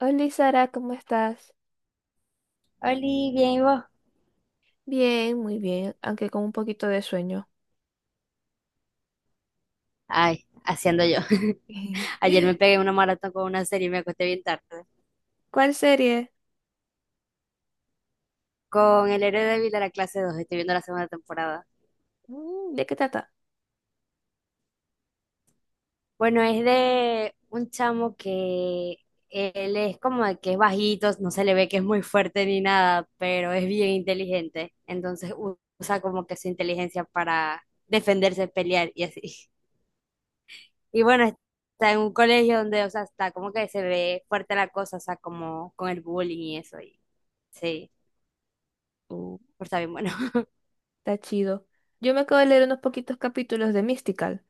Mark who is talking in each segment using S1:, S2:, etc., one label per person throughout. S1: Hola Sara, ¿cómo estás?
S2: Oli, bien, ¿y vos?
S1: Bien, muy bien, aunque con un poquito de sueño.
S2: Ay, haciendo yo. Ayer me pegué una maratón con una serie y me acosté bien tarde.
S1: ¿Cuál serie?
S2: Con El héroe débil de la clase dos estoy viendo la segunda temporada.
S1: Mm, ¿de qué trata?
S2: Bueno, es de un chamo que él es como de que es bajito, no se le ve que es muy fuerte ni nada, pero es bien inteligente. Entonces usa como que su inteligencia para defenderse, pelear y así. Y bueno, está en un colegio donde, o sea, está como que se ve fuerte la cosa, o sea, como con el bullying y eso. Y, sí.
S1: Uh,
S2: Pero está bien bueno.
S1: Está chido. Yo me acabo de leer unos poquitos capítulos de Mystical.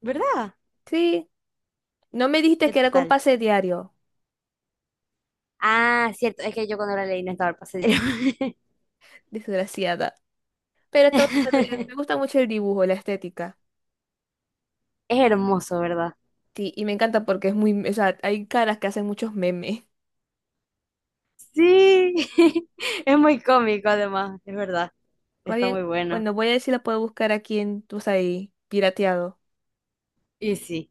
S2: ¿Verdad?
S1: Sí, no me dijiste
S2: ¿Qué
S1: que era con
S2: tal?
S1: pase diario,
S2: Ah, cierto, es que yo cuando la leí no estaba el pasadero.
S1: desgraciada. Pero está bonito, me gusta mucho el dibujo, la estética.
S2: Es hermoso, ¿verdad?
S1: Sí, y me encanta porque es muy, o sea, hay caras que hacen muchos memes.
S2: Sí, es muy cómico además, es verdad.
S1: Va
S2: Está
S1: bien,
S2: muy bueno.
S1: bueno, voy a ver si la puedo buscar aquí en, tú sabes, ahí, pirateado,
S2: Y sí.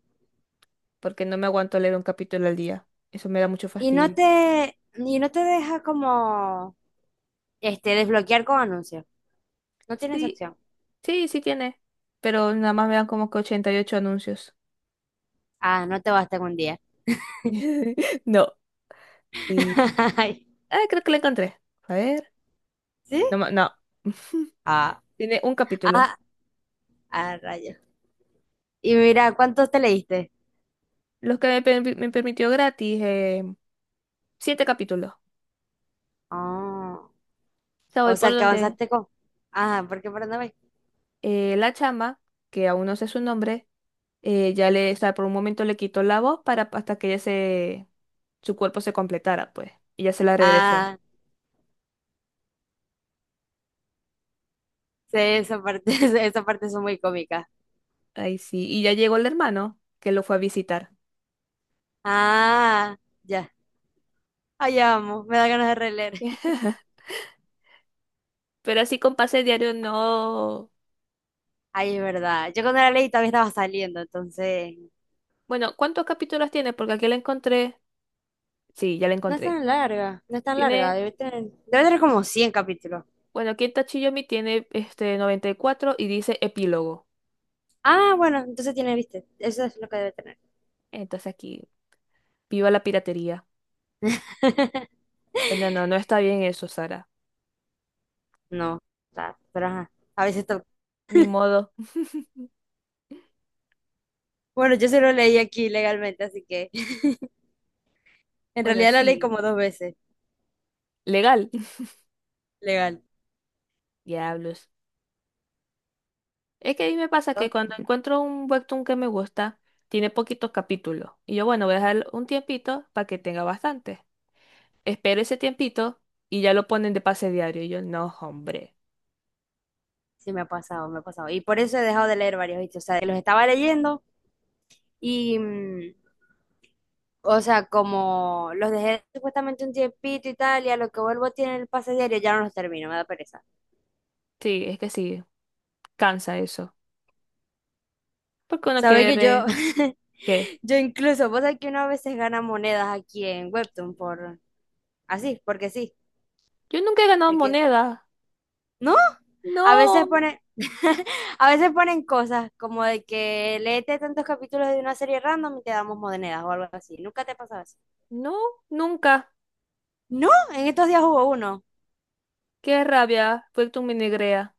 S1: porque no me aguanto leer un capítulo al día. Eso me da mucho
S2: Y no
S1: fastidio.
S2: te, y no te deja como desbloquear con anuncios. No tienes
S1: Sí,
S2: acción.
S1: sí, sí tiene. Pero nada más me dan como que 88 anuncios.
S2: Ah, no te basta con un día.
S1: No. eh,
S2: Ay,
S1: Ah, creo que la encontré. A ver.
S2: ¿sí?
S1: No,
S2: Ah,
S1: tiene un capítulo.
S2: ah, ah, rayos. Y mira, ¿cuántos te leíste?
S1: Los que me permitió gratis, siete capítulos. O
S2: Ah.
S1: sea, voy
S2: O
S1: por
S2: sea, que
S1: donde
S2: avanzaste con... Ah, ¿por qué para no ver?
S1: la chama, que aún no sé su nombre, ya le, o sea, por un momento le quitó la voz para hasta que ella se, su cuerpo se completara, pues. Y ya se la regresó.
S2: Ah, sí, esa parte, esa parte son muy cómicas.
S1: Ahí sí. Y ya llegó el hermano que lo fue a visitar.
S2: Ah, ya. Ah, ya vamos, me da ganas de releer.
S1: Pero así con pase diario no.
S2: Ay, es verdad. Yo cuando la leí todavía estaba saliendo, entonces...
S1: Bueno, ¿cuántos capítulos tiene? Porque aquí la encontré. Sí, ya la
S2: No es
S1: encontré.
S2: tan larga, no es tan larga.
S1: Tiene,
S2: Debe tener como 100 capítulos.
S1: bueno, aquí en Tachiyomi tiene este 94 y dice epílogo.
S2: Ah, bueno, entonces tiene, viste, eso es lo que debe tener.
S1: Entonces aquí, viva la piratería. Bueno, no, no está bien eso, Sara.
S2: No, pero ajá, a veces to-.
S1: Ni modo.
S2: Bueno, yo se lo leí aquí legalmente, así que en
S1: Bueno,
S2: realidad la leí
S1: sí,
S2: como dos veces,
S1: legal.
S2: legal.
S1: Diablos. Es que a mí me pasa que cuando encuentro un webtoon que me gusta, tiene poquitos capítulos. Y yo, bueno, voy a dejar un tiempito para que tenga bastante. Espero ese tiempito y ya lo ponen de pase diario. Y yo, no, hombre.
S2: Sí, me ha pasado, me ha pasado. Y por eso he dejado de leer varios, ¿viste? O sea, los estaba leyendo y, o sea, como los dejé supuestamente un tiempito y tal, y a lo que vuelvo tiene el pase diario, ya no los termino, me da pereza.
S1: Sí, es que sí, cansa eso. Porque uno
S2: Sabe
S1: quiere
S2: que yo,
S1: ¿qué?
S2: yo incluso, vos sabés que uno a veces gana monedas aquí en Webtoon por, así, porque sí,
S1: Yo nunca he ganado
S2: de que,
S1: moneda.
S2: no, a
S1: No,
S2: veces ponen, a veces ponen cosas como de que léete tantos capítulos de una serie random y te damos monedas o algo así. ¿Nunca te ha pasado eso?
S1: no, nunca.
S2: No, en estos días hubo uno.
S1: Qué rabia, fue tu minigrea,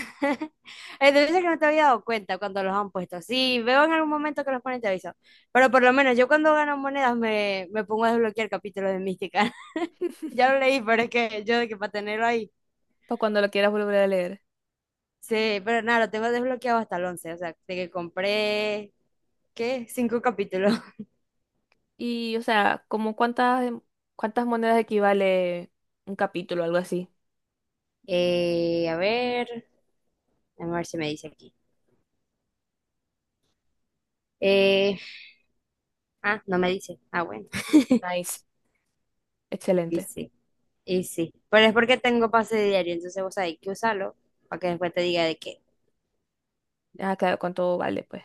S2: Debe ser que no te había dado cuenta cuando los han puesto. Sí, veo en algún momento que los ponen, te aviso. Pero por lo menos yo cuando gano monedas me pongo a desbloquear capítulos de Mística. Ya lo leí, pero es que yo de que para tenerlo ahí.
S1: para cuando lo quieras volver a leer.
S2: Sí, pero nada, lo tengo desbloqueado hasta el 11. O sea, de que compré, ¿qué? Cinco capítulos.
S1: Y, o sea, como cuántas, cuántas monedas equivale un capítulo, algo así.
S2: A ver, a ver si me dice aquí. Eh, ah, no me dice. Ah, bueno.
S1: Nice.
S2: Y
S1: Excelente.
S2: sí, y sí. Pero es porque tengo pase diario, entonces vos hay que usarlo para que después te diga de qué.
S1: Ah, claro, cuánto vale, pues.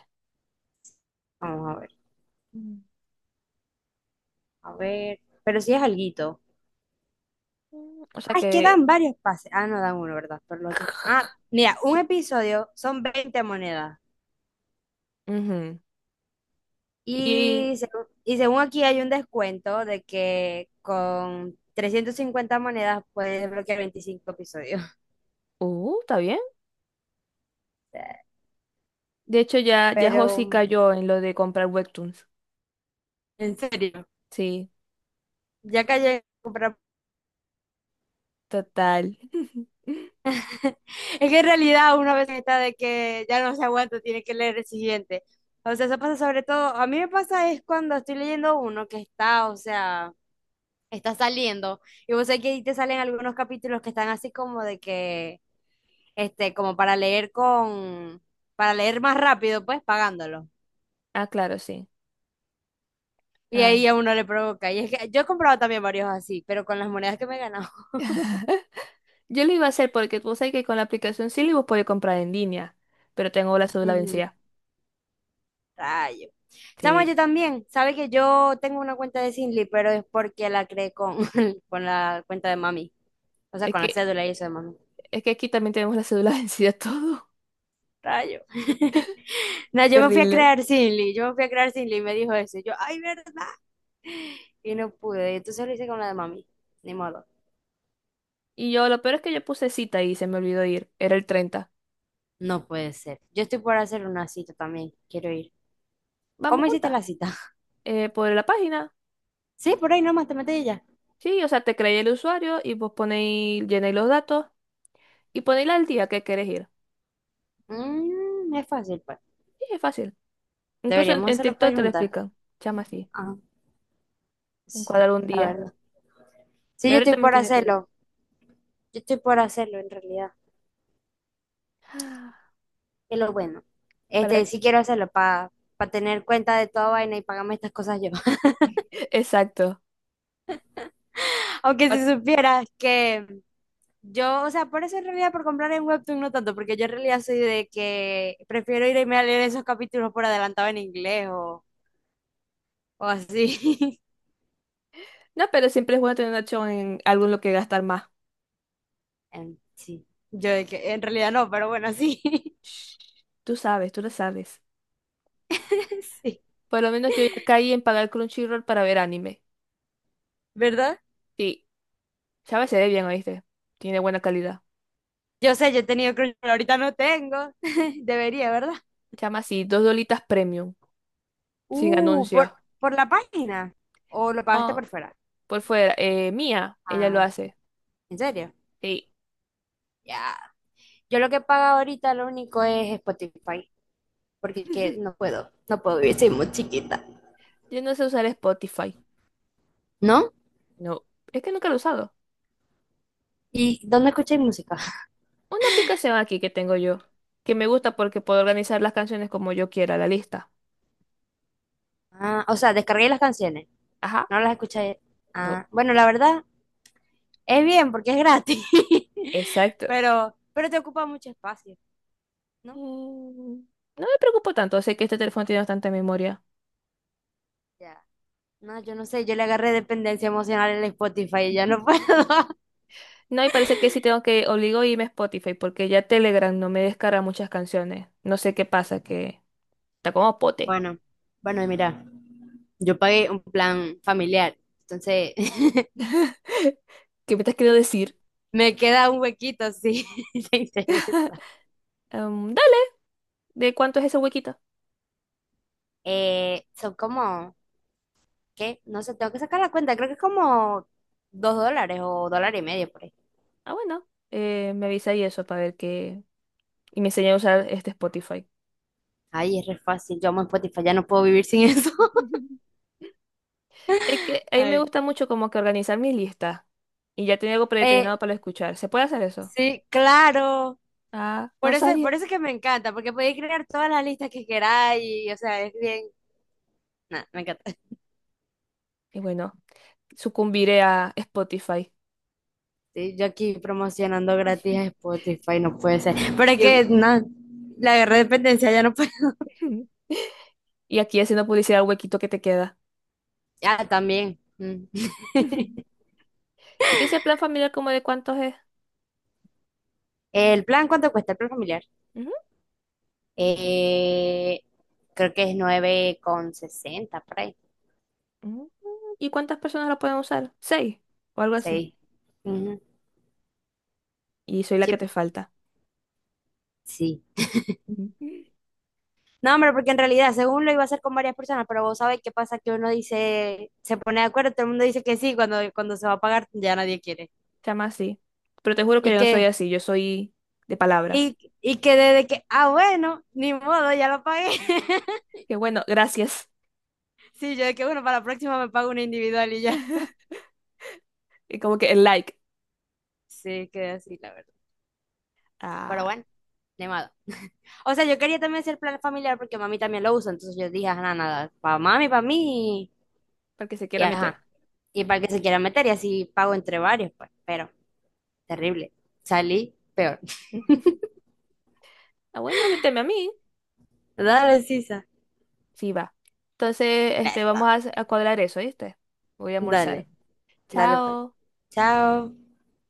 S2: Vamos a ver.
S1: Mm.
S2: A ver, pero sí es alguito.
S1: Mm, o sea
S2: Ah, es que
S1: que,
S2: dan varios pases. Ah, no dan uno, ¿verdad? Pero los otros. Ah, mira, un episodio son 20 monedas.
S1: ujú. Y,
S2: Y según aquí hay un descuento de que con 350 monedas puedes desbloquear 25 episodios.
S1: está bien. De hecho, ya Josie
S2: Pero,
S1: cayó en lo de comprar webtoons.
S2: en serio,
S1: Sí.
S2: ya que llegué a comprar-.
S1: Total.
S2: Es que en realidad una vez está de que ya no se aguanta, tiene que leer el siguiente. O sea, eso pasa sobre todo, a mí me pasa es cuando estoy leyendo uno que está, o sea... está saliendo. Y vos sabés que ahí te salen algunos capítulos que están así como de que, este, como para leer con, para leer más rápido, pues pagándolo.
S1: Ah, claro, sí.
S2: Y
S1: Ay.
S2: ahí a uno le provoca. Y es que yo he comprado también varios así, pero con las monedas que me he ganado.
S1: Yo lo iba a hacer porque tú sabes que con la aplicación Silly vos podés comprar en línea, pero tengo la cédula
S2: Ujú,
S1: vencida.
S2: rayo. Chama, yo
S1: Sí.
S2: también. Sabe que yo tengo una cuenta de Sinly pero es porque la creé con, con la cuenta de mami. O sea,
S1: Es
S2: con la
S1: que,
S2: cédula y eso de mami.
S1: es que aquí también tenemos la cédula vencida todo.
S2: Rayo. No, yo me fui a
S1: Terrible.
S2: crear Sinly y me dijo eso. Y yo, ay, ¿verdad? Y no pude. Entonces lo hice con la de mami. Ni modo.
S1: Y yo, lo peor es que yo puse cita y se me olvidó ir. Era el 30.
S2: No puede ser. Yo estoy por hacer una cita también. Quiero ir.
S1: Vamos
S2: ¿Cómo hiciste
S1: juntas.
S2: la cita?
S1: Por la página.
S2: Sí, por ahí nomás te metes y ya.
S1: Sí, o sea, te creáis el usuario y vos ponéis, llenáis los datos y ponéis al día que querés ir.
S2: Mm, es fácil, pues.
S1: Sí, es fácil. Incluso
S2: Deberíamos
S1: en
S2: hacerlo para
S1: TikTok
S2: ir
S1: te lo
S2: juntas.
S1: explican. Chama así.
S2: Ah,
S1: Un
S2: sí,
S1: cuadro un
S2: la
S1: día.
S2: verdad. Sí, yo
S1: Gabriel
S2: estoy
S1: también
S2: por
S1: tiene que ir.
S2: hacerlo. Yo estoy por hacerlo en realidad. Es lo bueno.
S1: Para...
S2: Este, sí quiero hacerlo para tener cuenta de toda vaina y pagarme estas cosas yo.
S1: Exacto.
S2: Aunque
S1: Pa-
S2: si supieras que yo, o sea, por eso en realidad por comprar en Webtoon no tanto, porque yo en realidad soy de que prefiero irme a leer esos capítulos por adelantado en inglés o así.
S1: No, pero siempre es bueno tener una opción en algo en lo que gastar más.
S2: Sí, yo de que en realidad no, pero bueno, sí,
S1: Shh, tú sabes, tú lo sabes.
S2: sí,
S1: Por lo menos yo ya caí en pagar Crunchyroll para ver anime.
S2: ¿verdad?
S1: Sí, sabes, se ve bien, ¿oíste? Tiene buena calidad.
S2: Yo sé, yo he tenido Crunchyroll, ahorita no tengo, debería, ¿verdad?
S1: Chama así, dos dolitas premium, sin anuncios.
S2: Por la página, o lo pagaste
S1: No,
S2: por fuera.
S1: por fuera. Mía, ella lo
S2: Ah,
S1: hace.
S2: ¿en serio?
S1: Sí.
S2: Ya. Yo lo que pago ahorita lo único es Spotify, porque que no puedo, no puedo vivir, soy muy chiquita.
S1: Yo no sé usar Spotify.
S2: ¿No?
S1: No, es que nunca lo he usado.
S2: ¿Y dónde escucháis música?
S1: Una aplicación aquí que tengo yo, que me gusta porque puedo organizar las canciones como yo quiera, la lista.
S2: Ah, o sea, descarguéis las canciones,
S1: Ajá.
S2: no las escucháis.
S1: No.
S2: Ah, bueno, la verdad es bien porque es gratis,
S1: Exacto.
S2: pero te ocupa mucho espacio, ¿no?
S1: Mm, no me preocupo tanto, sé que este teléfono tiene bastante memoria.
S2: Ya. No, yo no sé, yo le agarré dependencia emocional al Spotify y ya no puedo.
S1: No, y parece que sí tengo que obligo a irme a Spotify porque ya Telegram no me descarga muchas canciones. No sé qué pasa, que está como pote.
S2: Bueno, bueno, y mira, yo pagué un plan familiar, entonces
S1: ¿Qué me estás queriendo decir?
S2: me queda un huequito si te interesa.
S1: Dale, ¿de cuánto es ese huequito?
S2: Son como, ¿qué? No sé, tengo que sacar la cuenta, creo que es como $2 o dólar y medio por ahí.
S1: Ah, bueno, me avisa y eso para ver qué. Y me enseña a usar este Spotify.
S2: Ay, es re fácil. Yo amo Spotify, ya no puedo vivir sin eso.
S1: Es que a mí me
S2: Ay.
S1: gusta mucho como que organizar mis listas y ya tenía algo
S2: Eh,
S1: predeterminado para escuchar. ¿Se puede hacer eso?
S2: sí, claro.
S1: Ah, no
S2: Por eso, por
S1: sabía.
S2: eso es que me encanta, porque podéis crear todas las listas que queráis y, o sea, es bien. Nah, me encanta.
S1: Y bueno, sucumbiré a Spotify.
S2: Sí, yo aquí promocionando gratis a Spotify, no puede ser. Pero es
S1: Y,
S2: que,
S1: el-
S2: no, la guerra de dependencia ya no puede.
S1: y aquí haciendo publicidad al huequito que te queda.
S2: Ah, también. Mm.
S1: ¿Y ese plan familiar como de cuántos es?
S2: ¿El plan cuánto cuesta? El plan familiar.
S1: Ujú,
S2: Eh, Creo que es 9,60. Por ahí.
S1: ujú. ¿Y cuántas personas lo pueden usar? Seis o algo así.
S2: Sí. Ujú.
S1: Y soy la que
S2: Sí.
S1: te falta.
S2: Sí.
S1: Ujú.
S2: No, hombre, porque en realidad, según lo iba a hacer con varias personas, pero vos sabés qué pasa que uno dice, se pone de acuerdo, todo el mundo dice que sí, cuando se va a pagar ya nadie quiere.
S1: Se llama así. Pero te juro que
S2: Y
S1: yo no soy
S2: que,
S1: así, yo soy de palabra.
S2: y que desde que, ah, bueno, ni modo, ya lo pagué.
S1: Que bueno, gracias.
S2: Sí, yo de que, bueno, para la próxima me pago una individual y ya.
S1: Y como que el like.
S2: Sí, quedé así, la verdad. Pero
S1: Ah,
S2: bueno, ni modo. O sea, yo quería también hacer plan familiar porque mami también lo usa, entonces yo dije, ajá, nada, nada, para mami, para mí,
S1: para el que se
S2: y
S1: quiera meter.
S2: ajá, y para el que se quiera meter, y así pago entre varios, pues, pero terrible. Salí peor.
S1: Ujú. Ah, bueno, méteme a mí.
S2: Dale, Sisa.
S1: Sí, va. Entonces,
S2: Ya
S1: este,
S2: está.
S1: a cuadrar eso, ¿viste? Voy a almorzar.
S2: Dale, dale, pues.
S1: Chao.
S2: Chao.